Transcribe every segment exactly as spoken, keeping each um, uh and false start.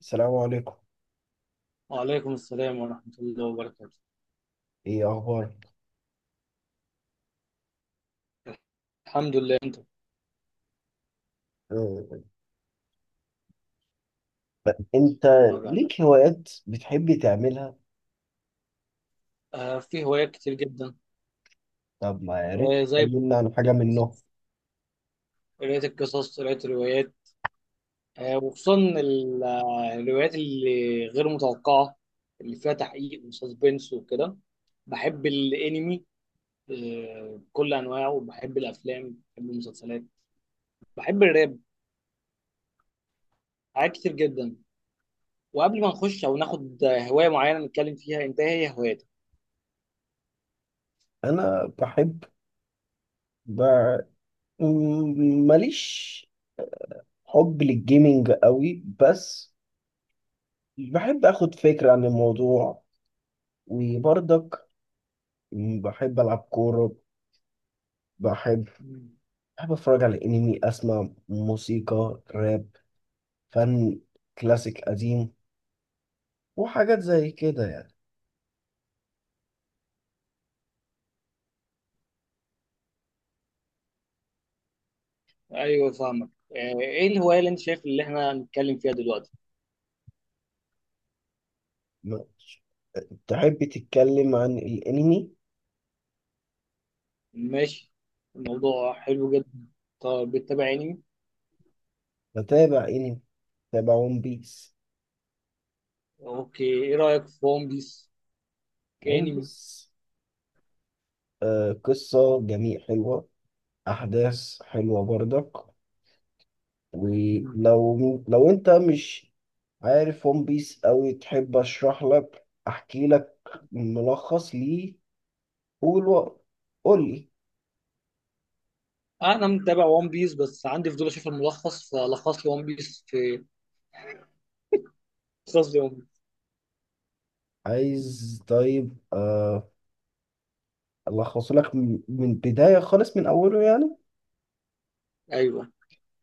السلام عليكم. وعليكم السلام ورحمة الله وبركاته. ايه اخبارك؟ الحمد لله، أنت؟ آه، انت طبعا. ليك هوايات بتحب تعملها؟ آه في هوايات كتير جدا. طب ما يا ريت آه زي تكلمنا عن حاجه منهم. قراية القصص، قراية الروايات، آه وخصوصا ال- آه، الروايات اللي غير متوقعة، اللي فيها تحقيق وسسبنس وكده. بحب الأنمي، آه بكل أنواعه، وبحب الأفلام، بحب المسلسلات، بحب الراب، حاجات كتير جدا. وقبل ما نخش أو ناخد هواية معينة نتكلم فيها، أنت إيه هي هواياتك؟ انا بحب ب... م- ماليش حب للجيمينج قوي بس. بحب اخد فكره عن الموضوع، وبرضك بحب العب كوره. بحب بحب اتفرج على انمي، اسمع موسيقى راب، فن كلاسيك قديم، وحاجات زي كده. ايوه، فاهمك. آه، ايه الهوايه اللي انت شايف اللي احنا هنتكلم فيها دلوقتي؟ يعني تحب تتكلم عن الانمي؟ ماشي، الموضوع حلو جدا. طب بتتابع انمي؟ بتابع انمي، بتابع ون بيس. اوكي، ايه رايك في ون بيس ون كانمي؟ بيس، آه قصة جميل حلوة، احداث حلوة برضك. مم. ولو لو انت مش عارف ون بيس اوي، تحب اشرح لك، احكي لك ملخص ليه؟ قول و- قول لي انا متابع ون بيس بس عندي فضول اشوف الملخص، فلخص لي ون بيس في لخص لي ون بيس. عايز. طيب، آه الخصه لك من من بداية خالص، من اوله يعني. ايوه،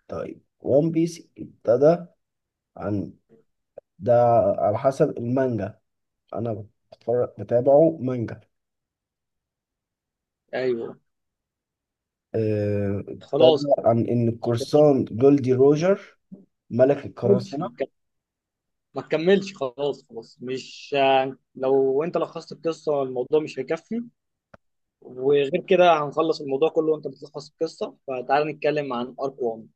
طيب ون بيس ابتدى عن ده، على حسب المانجا انا بتفرج بتابعه مانجا. ايوه. آه، ابتدى خلاص، عن ان ما القرصان جولدي روجر ملك تكملش القراصنة. ما تك- ما تكملش. خلاص، خلاص، مش، آه، لو انت لخصت القصه الموضوع مش هيكفي. وغير كده هنخلص الموضوع كله وانت بتلخص القصه، فتعال نتكلم عن ارك الأول.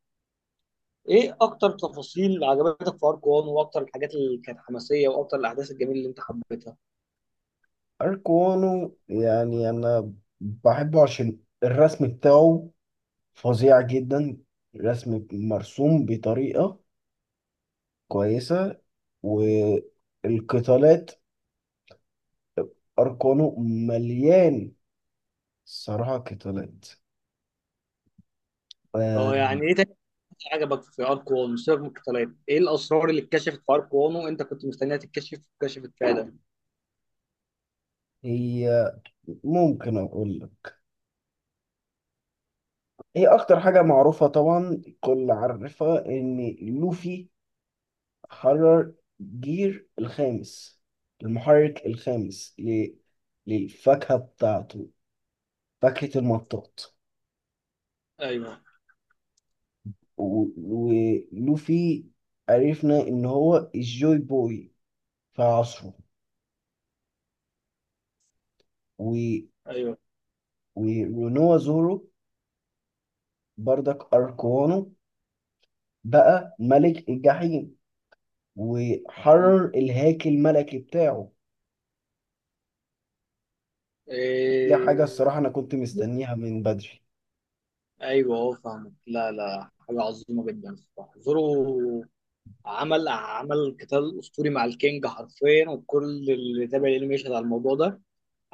ايه اكتر تفاصيل عجبتك في ارك واحد، واكتر الحاجات اللي كانت حماسيه، واكتر الاحداث الجميله اللي انت حبيتها؟ اركوانو يعني انا بحبه عشان الرسم بتاعه فظيع جدا، رسم مرسوم بطريقة كويسة، والقتالات اركوانو مليان صراحة قتالات آه، اه. يعني ايه تاني عجبك في ارك واحد سيبك من القتالات؟ ايه الاسرار اللي اتكشفت في ارك واحد وانت كنت مستنيها تتكشف واتكشفت فعلا؟ هي ممكن اقول هي اكتر حاجة معروفة طبعا، الكل عارفها، ان لوفي حرر جير الخامس، المحرك الخامس ل... للفاكهة بتاعته، فاكهة المطاط. ايوه، و... ولوفي عرفنا ان هو الجوي بوي في عصره. و... ايوه. ورونوا زورو بردك اركوانو بقى ملك الجحيم م. وحرر الهاكي الملكي بتاعه. دي حاجة إيه... الصراحة أنا كنت مستنيها من بدري. ايوه، اه، فاهمك. لا، لا، حاجه عظيمه جدا الصراحه. زورو عمل عمل قتال اسطوري مع الكينج حرفيا، وكل اللي تابع الانمي يشهد على الموضوع ده.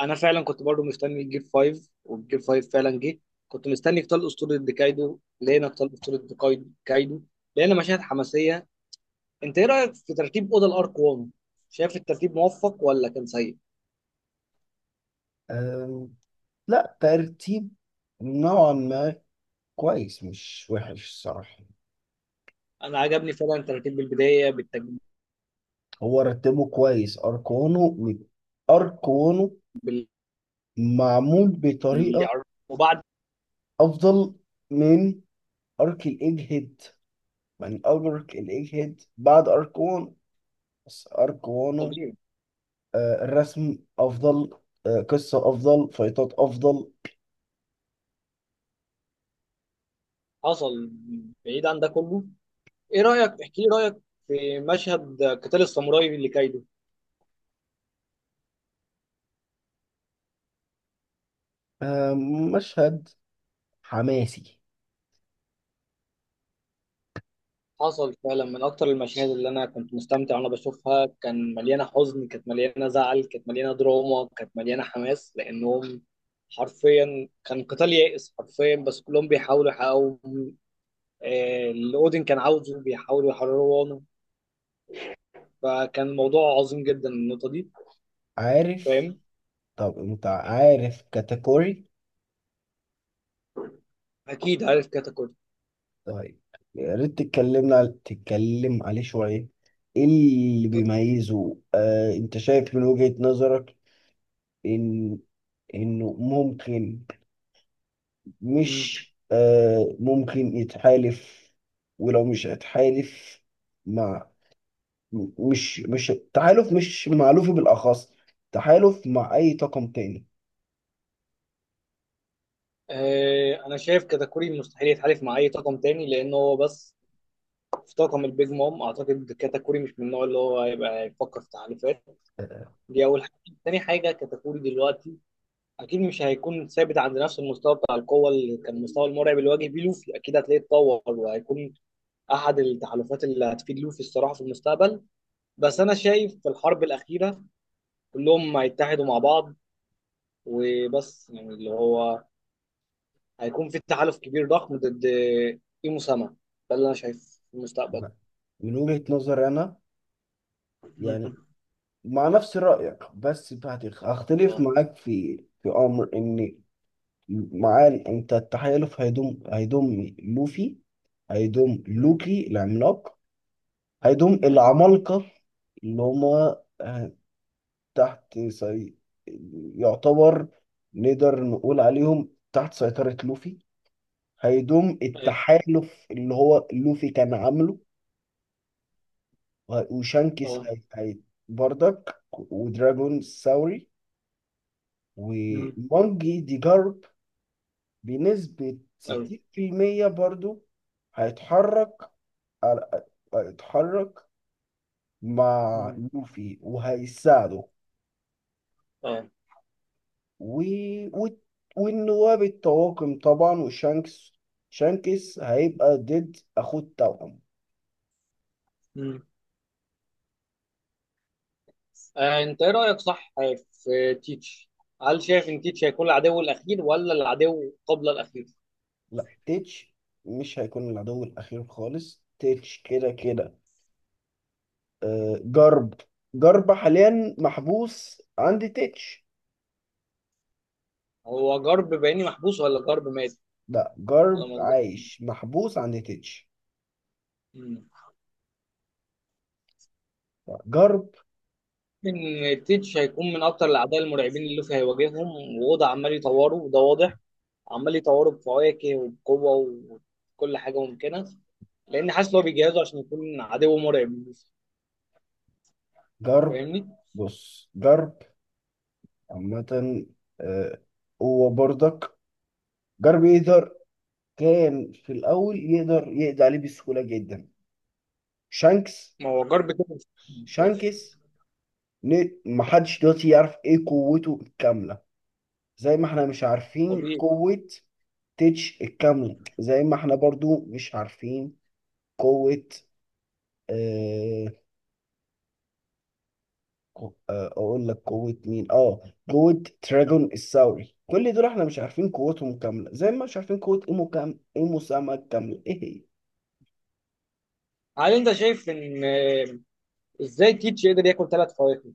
انا فعلا كنت برضو مستني الجيب خمسة، والجيب الخامس فعلا جه. كنت مستني قتال اسطوري ضد كايدو، لقينا قتال اسطوري ضد كايد- كايدو. لقينا مشاهد حماسيه. انت ايه رايك في ترتيب اوضه الارك واحد؟ شايف الترتيب موفق ولا كان سيء؟ أم، لا، ترتيب نوعا ما كويس، مش وحش الصراحة. انا عجبني فعلا ترتيب بالبدايه، بالتج... هو رتبه كويس، أرقامه م- أرقامه بال... معمول بطريقة وبعد. أفضل من أرك الإيج هيد، من أول أرك الإيج هيد بعد أركون، بس أركونه طبيعي. آه، الرسم أفضل، آه، قصة أفضل، فايتات أفضل. حصل. بعيد عن ده كله، ايه رايك، احكي لي رايك في مشهد قتال الساموراي لكايدو. آه، مشهد حماسي. حصل فعلا من اكتر المشاهد اللي انا كنت مستمتع وانا بشوفها، كان مليانه حزن، كانت مليانه زعل، كانت مليانه دراما، كانت مليانه حماس، لانهم حرفيا كان قتال يائس حرفيا، بس كلهم بيحاولوا يحققوا آه، اللي اودين كان عاوزه، بيحاولوا يحرروا عنه. فكان الموضوع عظيم جدا النقطه دي. عارف. فاهم. طب أنت عارف كاتيجوري؟ اكيد عارف كاتاكوري. طيب، يا ريت تتكلمنا تتكلم عليه شوية. ايه اللي بيميزه، آه انت شايف من وجهة نظرك ان انه ممكن، مم. مش، آه ممكن يتحالف؟ ولو مش هيتحالف مع، م- مش مش تحالف مش مألوف بالأخص تحالف مع أي طاقم تاني. آه، انا شايف كاتاكوري مستحيل يتحالف مع اي طاقم تاني لان هو بس في طاقم البيج مام. اعتقد كاتاكوري مش من النوع اللي هو هيبقى يفكر في تحالفات. آه، دي أول حاجة. تاني حاجة، كتكوري دلوقتي أكيد مش هيكون ثابت عند نفس المستوى بتاع القوة اللي كان، المستوى المرعب اللي واجه بيه لوفي. أكيد هتلاقيه اتطور، وهيكون أحد التحالفات اللي هتفيد لوفي الصراحة في المستقبل. بس أنا شايف في الحرب الأخيرة كلهم هيتحدوا مع بعض، وبس يعني اللي هو هيكون في تحالف كبير ضخم ضد إيمو سما. ده اللي أنا شايفه في المستقبل. من وجهة نظري أنا يعني مم. مع نفس رأيك، بس هت- هختلف اه. معاك في في أمر. إن معاه، انت التحالف هيضم هيضم لوفي، هيضم مم. لوكي العملاق، هيضم اه. العمالقة اللي هما، آه، تحت سي... يعتبر نقدر نقول عليهم تحت سيطرة لوفي. هيضم أيوة. التحالف اللي هو لوفي كان عامله. وه- وشانكس اه. هي... هي... بردك، ودراجون ساوري، مم. ومونجي دي جارب، بنسبة أيوة. ستين في المية برضو. هيتحرك على- هيتحرك مع مم. لوفي وهيساعده. اه. و... و... والنواب الطواقم طبعا، وشانكس. شانكس هيبقى ضد اخوه التوأم. مم. آه، انت ايه رايك صح في تيتش؟ هل شايف ان تيتش هيكون العدو الاخير ولا العدو قبل الاخير؟ لا، تيتش مش هيكون العدو الاخير خالص. تيتش كده كده. آه، جرب جرب حاليا محبوس عند تيتش. هو جرب بيني محبوس ولا جرب مات؟ لا، انا جرب ما أظن- عايش محبوس عند تيتش. مم. لا، جرب ان تيتش هيكون من اكتر الاعداء المرعبين اللي لوفي هيواجههم، ووضع عمال يطوره وده واضح، عمال يطوره بفواكه وبقوه وكل حاجه ممكنه، لان حاسس ان هو بيجهزه عشان يكون عدو مرعب للوفي. جرب فاهمني؟ بص، جرب عامة. آه، هو برضك جار بيقدر، كان في الأول يقدر يقضي عليه بسهولة جدا شانكس. ما هو جرب كده، مش شانكس ن- محدش دلوقتي يعرف إيه قوته الكاملة، زي ما احنا مش عارفين طبيعي. قوة تيتش الكاملة، زي ما احنا برضو مش عارفين قوة، آه قو- آه، أقول لك قوة مين؟ آه قوة تراجون الثوري. كل دول احنا مش عارفين قوتهم كاملة، زي ما مش عارفين قوة إيمو كام إيمو ساما الكاملة إيه هي. هل انت شايف ان آه، ازاي تيتش يقدر ياكل ثلاث فواكه؟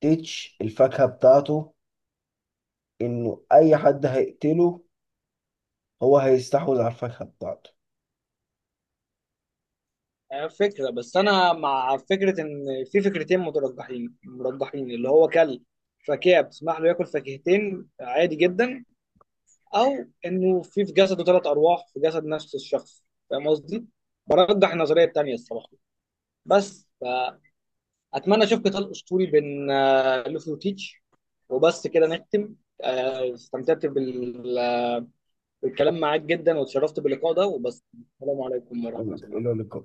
تيتش الفاكهة بتاعته انه اي حد هيقتله هو هيستحوذ على الفاكهه بتاعته. آه، فكرة، بس أنا مع فكرة إن في فكرتين مرجحين مرجحين اللي هو كلب فاكهة بتسمح له ياكل فاكهتين عادي جدا، أو إنه في في جسده ثلاث أرواح في جسد نفس الشخص. فاهم قصدي؟ برجح النظرية التانية الصراحة، بس فأتمنى أشوف قتال أسطوري بين آه، لوفي وتيتش. وبس كده نختم. آه، استمتعت بال- بالكلام معاك جدا، واتشرفت باللقاء ده، وبس. السلام عليكم ورحمة تمام، الى الله. اللقاء.